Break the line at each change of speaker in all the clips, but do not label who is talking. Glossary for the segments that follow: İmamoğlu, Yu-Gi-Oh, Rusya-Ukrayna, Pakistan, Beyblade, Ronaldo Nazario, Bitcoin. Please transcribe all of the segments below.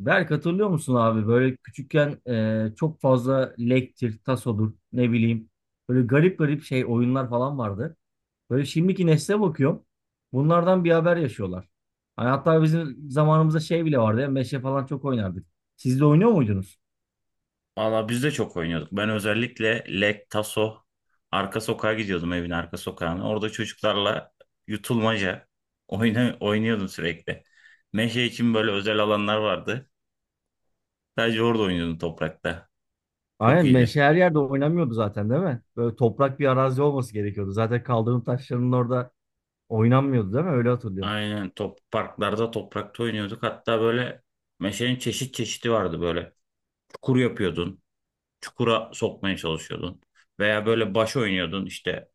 Berk hatırlıyor musun abi böyle küçükken çok fazla lektir, tasodur ne bileyim böyle garip garip şey oyunlar falan vardı. Böyle şimdiki nesle bakıyorum bunlardan bir haber yaşıyorlar. Hani hatta bizim zamanımızda şey bile vardı ya meşe falan çok oynardık. Siz de oynuyor muydunuz?
Valla biz de çok oynuyorduk. Ben özellikle Lek, Taso, arka sokağa gidiyordum evin arka sokağına. Orada çocuklarla yutulmaca oynuyordum sürekli. Meşe için böyle özel alanlar vardı. Sadece orada oynuyordum toprakta. Çok
Aynen
iyiydi.
meşe her yerde oynamıyordu zaten değil mi? Böyle toprak bir arazi olması gerekiyordu. Zaten kaldırım taşlarının orada oynanmıyordu değil mi? Öyle hatırlıyorum.
Aynen, top parklarda toprakta oynuyorduk. Hatta böyle meşenin çeşit çeşidi vardı böyle. Çukur yapıyordun. Çukura sokmaya çalışıyordun. Veya böyle baş oynuyordun işte.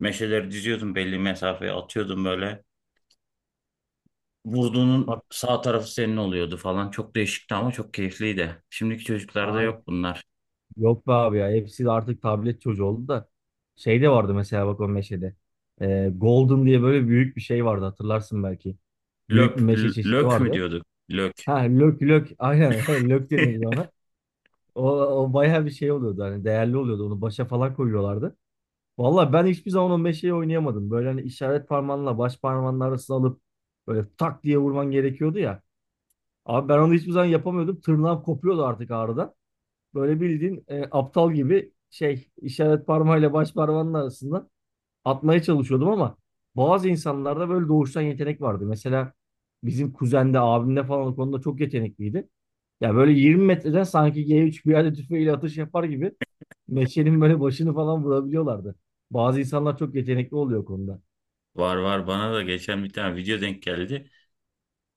Meşeleri diziyordun, belli mesafeye atıyordun böyle. Vurduğunun
Hat-
sağ tarafı senin oluyordu falan. Çok değişikti ama çok keyifliydi. Şimdiki çocuklarda
Ay-
yok bunlar.
Yok be abi ya. Hepsi de artık tablet çocuğu oldu da. Şey de vardı mesela bak o meşede. Golden diye böyle büyük bir şey vardı hatırlarsın belki. Büyük
Löp,
bir meşe çeşidi
lök mü
vardı.
diyorduk? Lök.
Ha lök lök aynen lök deniyordu ona. O bayağı bir şey oluyordu hani değerli oluyordu onu başa falan koyuyorlardı. Vallahi ben hiçbir zaman o meşeyi oynayamadım. Böyle hani işaret parmağınla baş parmağının arasına alıp böyle tak diye vurman gerekiyordu ya. Abi ben onu hiçbir zaman yapamıyordum. Tırnağım kopuyordu artık ağrıdan. Böyle bildiğin aptal gibi şey işaret parmağıyla baş parmağının arasında atmaya çalışıyordum ama bazı insanlarda böyle doğuştan yetenek vardı. Mesela bizim kuzende, abimde falan o konuda çok yetenekliydi. Ya böyle 20 metreden sanki G3 bir yerde tüfeğiyle atış yapar gibi meşenin böyle başını falan vurabiliyorlardı. Bazı insanlar çok yetenekli oluyor o konuda.
Var var, bana da geçen bir tane video denk geldi.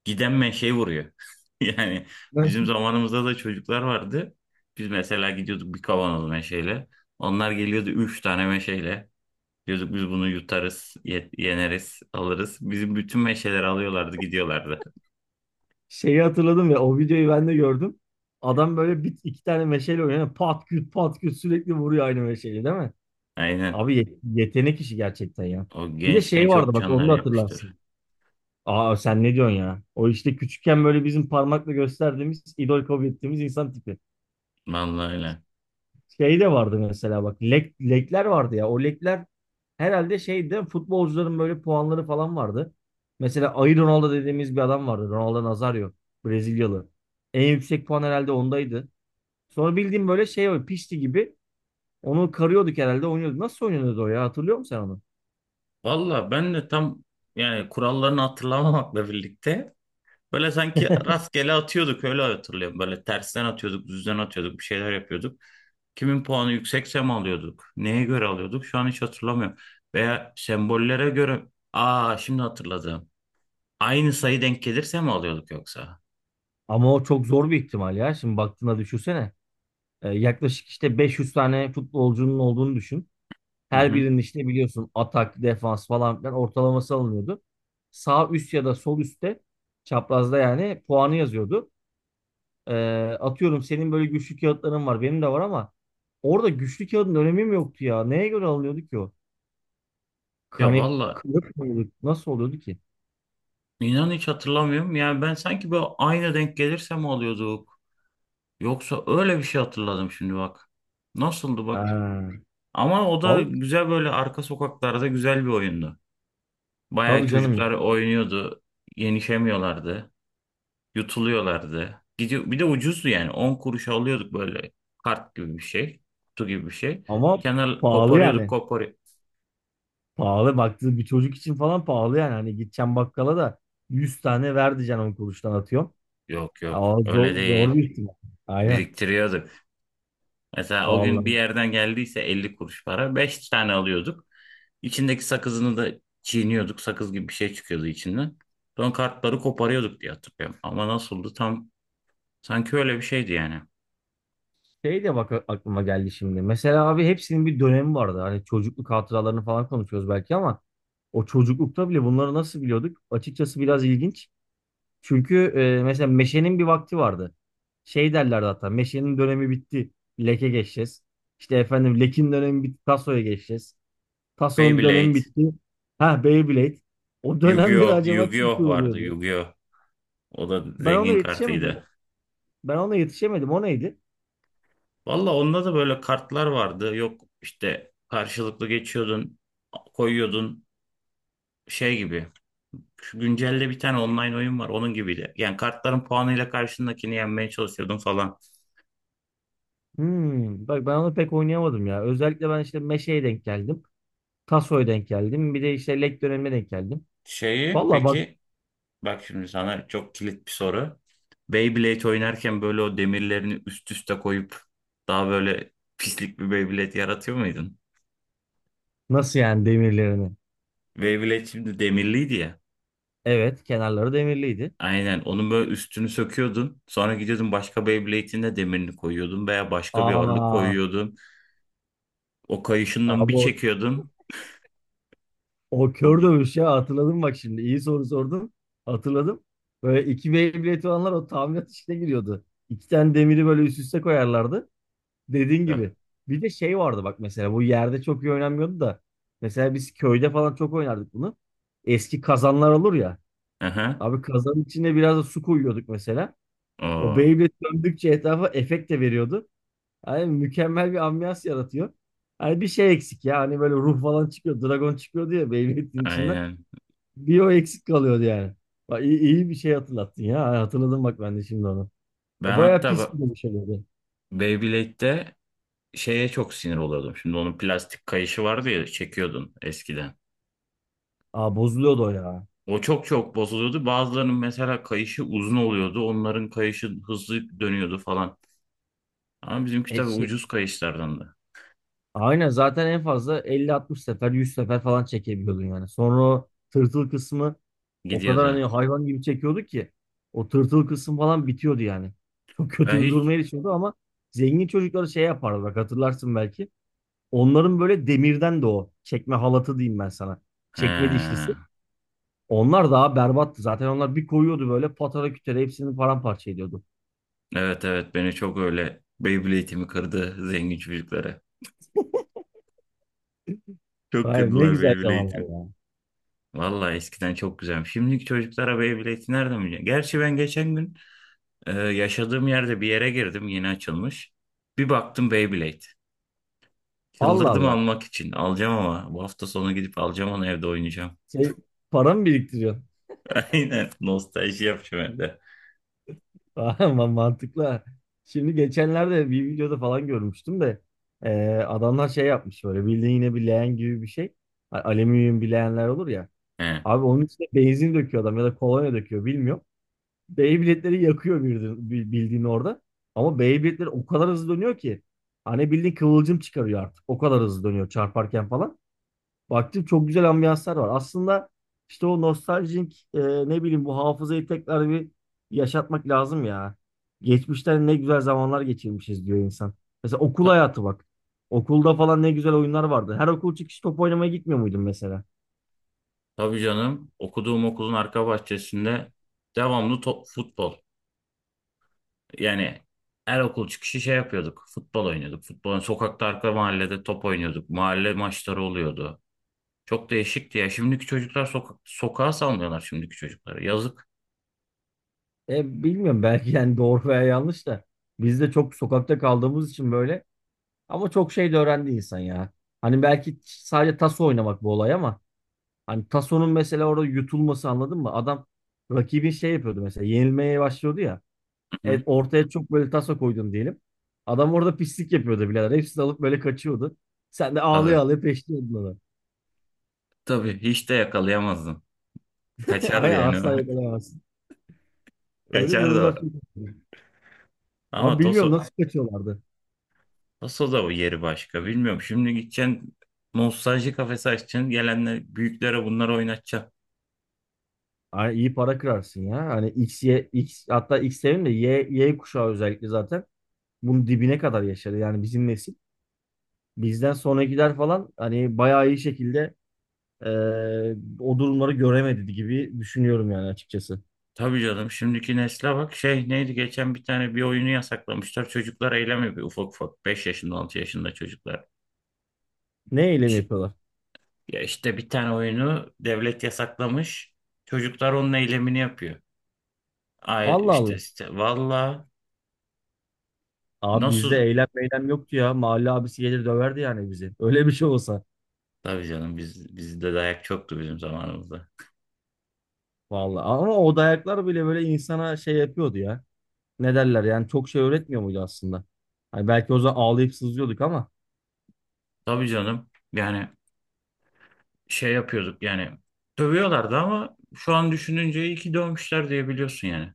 Giden menşeyi vuruyor. Yani bizim
Ben
zamanımızda da çocuklar vardı. Biz mesela gidiyorduk bir kavanoz meşeyle. Onlar geliyordu üç tane meşeyle. Diyorduk biz bunu yutarız, yeneriz, alırız. Bizim bütün meşeleri alıyorlardı, gidiyorlardı.
şeyi hatırladım ya o videoyu ben de gördüm. Adam böyle bir iki tane meşale oynuyor. Pat küt pat küt sürekli vuruyor aynı meşaleyi değil mi?
Aynen.
Abi ye- yetenek işi gerçekten ya.
O
Bir de
gençken
şey vardı
çok
bak onu
canlar
da
yakmıştır.
hatırlarsın. Aa sen ne diyorsun ya? O işte küçükken böyle bizim parmakla gösterdiğimiz, idol kabul ettiğimiz insan tipi.
Vallahi öyle.
Şey de vardı mesela bak. Lek, lekler vardı ya. O lekler herhalde şeydi futbolcuların böyle puanları falan vardı. Mesela Ayı Ronaldo dediğimiz bir adam vardı. Ronaldo Nazario. Brezilyalı. En yüksek puan herhalde ondaydı. Sonra bildiğim böyle şey var. Pişti gibi. Onu karıyorduk herhalde oynuyorduk. Nasıl oynuyordu o ya? Hatırlıyor musun sen onu?
Valla ben de tam, yani kurallarını hatırlamamakla birlikte, böyle sanki rastgele atıyorduk, öyle hatırlıyorum. Böyle tersten atıyorduk, düzden atıyorduk, bir şeyler yapıyorduk. Kimin puanı yüksekse mi alıyorduk? Neye göre alıyorduk? Şu an hiç hatırlamıyorum. Veya sembollere göre, aa şimdi hatırladım. Aynı sayı denk gelirse mi alıyorduk yoksa?
Ama o çok zor bir ihtimal ya. Şimdi baktığında düşünsene. Yaklaşık işte 500 tane futbolcunun olduğunu düşün.
Hı
Her
hı.
birinin işte biliyorsun atak, defans falan filan ortalaması alınıyordu. Sağ üst ya da sol üstte çaprazda yani puanı yazıyordu. Ee, atıyorum senin böyle güçlü kağıtların var. Benim de var ama orada güçlü kağıdın önemi mi yoktu ya? Neye göre alınıyordu ki o?
Ya
Kanet
valla,
kılıf mı oluyordu? Nasıl oluyordu ki?
inan hiç hatırlamıyorum. Yani ben sanki böyle aynı denk gelirse mi alıyorduk? Yoksa öyle bir şey hatırladım şimdi bak. Nasıldı
Ha,
bak? Ama o da
vallahi
güzel, böyle arka sokaklarda güzel bir oyundu. Bayağı
tabii
çocuklar
canım.
oynuyordu. Yenişemiyorlardı. Yutuluyorlardı. Gidiyor, bir de ucuzdu yani. 10 kuruşa alıyorduk böyle kart gibi bir şey. Kutu gibi bir şey.
Ama
Kenar
pahalı
koparıyorduk
yani.
kopar.
Pahalı baktığı bir çocuk için falan pahalı yani. Hani gideceğim bakkala da 100 tane ver diyeceksin 10 kuruştan atıyorum.
Yok yok,
Aa,
öyle
zor
değil.
bir ihtimal. Aynen.
Biriktiriyorduk. Mesela o gün bir
Vallahi.
yerden geldiyse 50 kuruş para, 5 tane alıyorduk. İçindeki sakızını da çiğniyorduk. Sakız gibi bir şey çıkıyordu içinden. Sonra kartları koparıyorduk diye hatırlıyorum. Ama nasıldı tam? Sanki öyle bir şeydi yani.
Şey de bak aklıma geldi şimdi. Mesela abi hepsinin bir dönemi vardı. Hani çocukluk hatıralarını falan konuşuyoruz belki ama o çocuklukta bile bunları nasıl biliyorduk? Açıkçası biraz ilginç. Çünkü mesela meşenin bir vakti vardı. Şey derlerdi hatta meşenin dönemi bitti. Leke geçeceğiz. İşte efendim lekin dönemi bitti. Tasoya geçeceğiz. Taso'nun dönemi
Beyblade,
bitti. Ha Beyblade. O dönemleri
Yu-Gi-Oh,
acaba kim
Yu-Gi-Oh vardı,
kuruluyordu?
Yu-Gi-Oh. O da
Ben ona
zengin
yetişemedim.
kartıydı.
Ben ona yetişemedim. O neydi?
Valla onda da böyle kartlar vardı. Yok işte, karşılıklı geçiyordun, koyuyordun şey gibi. Şu güncelde bir tane online oyun var, onun gibiydi. Yani kartların puanıyla karşındakini yenmeye çalışıyordun falan.
Hmm, bak ben onu pek oynayamadım ya. Özellikle ben işte Meşe'ye denk geldim. Taso'ya denk geldim. Bir de işte Lek dönemine denk geldim.
Şeyi
Valla bak
peki, bak şimdi sana çok kilit bir soru. Beyblade oynarken böyle o demirlerini üst üste koyup daha böyle pislik bir Beyblade yaratıyor muydun?
nasıl yani demirlerini.
Beyblade şimdi demirliydi ya.
Evet kenarları demirliydi.
Aynen. Onun böyle üstünü söküyordun. Sonra gidiyordun başka Beyblade'in de demirini koyuyordun veya başka bir ağırlık
Aa,
koyuyordun. O kayışından
abi
bir
o,
çekiyordun.
o
Çok
kör
iyi.
dövüş ya hatırladım bak şimdi. İyi soru sordun. Hatırladım. Böyle iki Beyblade olanlar o tamirat işine giriyordu. İki tane demiri böyle üst üste koyarlardı. Dediğin gibi. Bir de şey vardı bak mesela bu yerde çok iyi oynanmıyordu da. Mesela biz köyde falan çok oynardık bunu. Eski kazanlar olur ya.
Aha.
Abi kazanın içine biraz da su koyuyorduk mesela. O
Oo,
Beyblade döndükçe etrafa efekt de veriyordu. Hani mükemmel bir ambiyans yaratıyor. Hani bir şey eksik ya. Hani böyle ruh falan çıkıyor. Dragon çıkıyordu ya Beyblade'in içinden.
aynen.
Bir o eksik kalıyordu yani. Bak iyi bir şey hatırlattın ya. Hatırladım bak ben de şimdi onu. O
Ben
bayağı
hatta
pis
ba-
bir şey oluyordu.
Beyblade'de şeye çok sinir oluyordum. Şimdi onun plastik kayışı vardı ya, çekiyordun eskiden.
Aa bozuluyordu o ya.
O çok çok bozuluyordu. Bazılarının mesela kayışı uzun oluyordu. Onların kayışı hızlı dönüyordu falan. Ama bizimki
E,
tabii
şey.
ucuz kayışlardan da
Aynen zaten en fazla elli, altmış sefer 100 sefer falan çekebiliyordun yani. Sonra o tırtıl kısmı o kadar
gidiyordu.
hani hayvan gibi çekiyordu ki o tırtıl kısım falan bitiyordu yani. Çok
Ben
kötü bir duruma
hiç...
erişiyordu ama zengin çocukları şey yapardı bak hatırlarsın belki. Onların böyle demirden de o çekme halatı diyeyim ben sana. Çekme
He.
dişlisi. Onlar daha berbattı. Zaten onlar bir koyuyordu böyle patara kütere hepsini paramparça ediyordu.
Evet evet, beni çok öyle, Beyblade'imi kırdı zengin çocuklara. Çok
Hayır ne
kırdılar
güzel zamanlar
Beyblade'imi.
ya.
Vallahi eskiden çok güzelmiş. Şimdiki çocuklara Beyblade'i nereden bilecek? Gerçi ben geçen gün yaşadığım yerde bir yere girdim, yeni açılmış. Bir baktım, Beyblade.
Allah
Çıldırdım
Allah.
almak için. Alacağım, ama bu hafta sonu gidip alacağım, onu evde oynayacağım.
Şey, para mı biriktiriyorsun?
Aynen, nostalji yapacağım evde.
Ama mantıklı. Ha. Şimdi geçenlerde bir videoda falan görmüştüm de adamlar şey yapmış böyle bildiğin yine bir leğen gibi bir şey. Alüminyum bir leğenler olur ya.
He.
Abi onun içine benzin döküyor adam ya da kolonya döküyor bilmiyorum. Beyblade'leri yakıyor bildiğin, bildiğin orada. Ama Beyblade'ler o kadar hızlı dönüyor ki. Hani bildiğin kıvılcım çıkarıyor artık. O kadar hızlı dönüyor çarparken falan. Baktım çok güzel ambiyanslar var. Aslında işte o nostaljik ne bileyim bu hafızayı tekrar bir yaşatmak lazım ya. Geçmişten ne güzel zamanlar geçirmişiz diyor insan. Mesela okul
Ta-
hayatı bak. Okulda falan ne güzel oyunlar vardı. Her okul çıkışı top oynamaya gitmiyor muydun mesela?
tabii canım, okuduğum okulun arka bahçesinde devamlı top, futbol. Yani her okul çıkışı şey yapıyorduk. Futbol oynuyorduk. Futbol, sokakta, arka mahallede top oynuyorduk. Mahalle maçları oluyordu. Çok değişikti ya. Şimdiki çocuklar sokak, sokağa salmıyorlar şimdiki çocukları. Yazık.
Bilmiyorum belki yani doğru veya yanlış da. Biz de çok sokakta kaldığımız için böyle. Ama çok şey de öğrendi insan ya. Hani belki sadece tas oynamak bu olay ama. Hani Tasso'nun mesela orada yutulması anladın mı? Adam rakibin şey yapıyordu mesela yenilmeye başlıyordu ya.
Hı hı.
Ortaya çok böyle Tasso koydun diyelim. Adam orada pislik yapıyordu birader. Hepsini alıp böyle kaçıyordu. Sen de
Tabii.
ağlaya ağlaya peşliyordun onu.
Tabii. Hiç de yakalayamazdın. Kaçardı
Ay
yani. O.
asla yakalayamazsın. Öyle
Kaçardı o.
durumlar çok oluyor.
Ama
Abi bilmiyorum
Toso,
nasıl kaçıyorlardı.
Toso da bu yeri başka. Bilmiyorum. Şimdi gideceksin, nostalji kafesi açacaksın. Gelenler büyüklere bunları oynatacaksın.
Ay, iyi para kırarsın ya. Hani X, Y, X hatta X demeyeyim de Y, Y kuşağı özellikle zaten bunun dibine kadar yaşadı. Yani bizim nesil. Bizden sonrakiler falan hani bayağı iyi şekilde o durumları göremedi gibi düşünüyorum yani açıkçası.
Tabii canım, şimdiki nesle bak, şey neydi, geçen bir tane bir oyunu yasaklamışlar, çocuklar eylemi, bir ufak ufak 5 yaşında 6 yaşında çocuklar,
Ne eylem
Şi-
yapıyorlar?
ya işte bir tane oyunu devlet yasaklamış, çocuklar onun eylemini yapıyor. Ay,
Allah
işte,
Allah.
işte valla,
Abi bizde
nasıl,
eylem meylem yoktu ya. Mahalle abisi gelir döverdi yani bizi. Öyle bir şey olsa.
tabii canım, biz bizde dayak çoktu bizim zamanımızda.
Vallahi ama o dayaklar bile böyle insana şey yapıyordu ya. Ne derler yani çok şey öğretmiyor muydu aslında? Hani belki o zaman ağlayıp sızlıyorduk ama
Tabii canım yani, şey yapıyorduk yani, dövüyorlardı ama şu an düşününce iyi ki dövmüşler diye biliyorsun yani.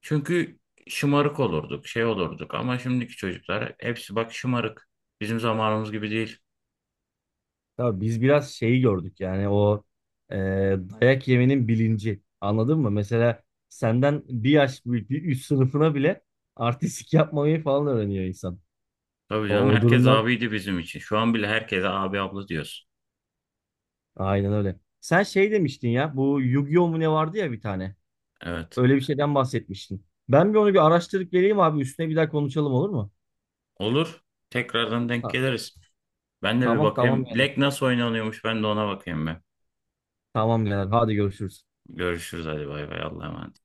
Çünkü şımarık olurduk, şey olurduk ama şimdiki çocuklar hepsi bak şımarık. Bizim zamanımız gibi değil.
tabii biz biraz şeyi gördük yani e, dayak yemenin bilinci. Anladın mı? Mesela senden bir yaş büyük bir üst sınıfına bile artistik yapmayı falan öğreniyor insan.
Tabii canım,
O
herkes
durumdan
abiydi bizim için. Şu an bile herkese abi abla diyoruz.
aynen öyle. Sen şey demiştin ya bu Yu-Gi-Oh mu ne vardı ya bir tane.
Evet.
Öyle bir şeyden bahsetmiştin. Ben bir onu bir araştırıp geleyim abi üstüne bir daha konuşalım olur mu?
Olur. Tekrardan denk
Ha,
geliriz. Ben de bir
tamam
bakayım.
yani.
Lek nasıl oynanıyormuş, ben de ona bakayım ben.
Tamam yani. Hadi görüşürüz.
Görüşürüz, hadi bay bay, Allah'a emanet.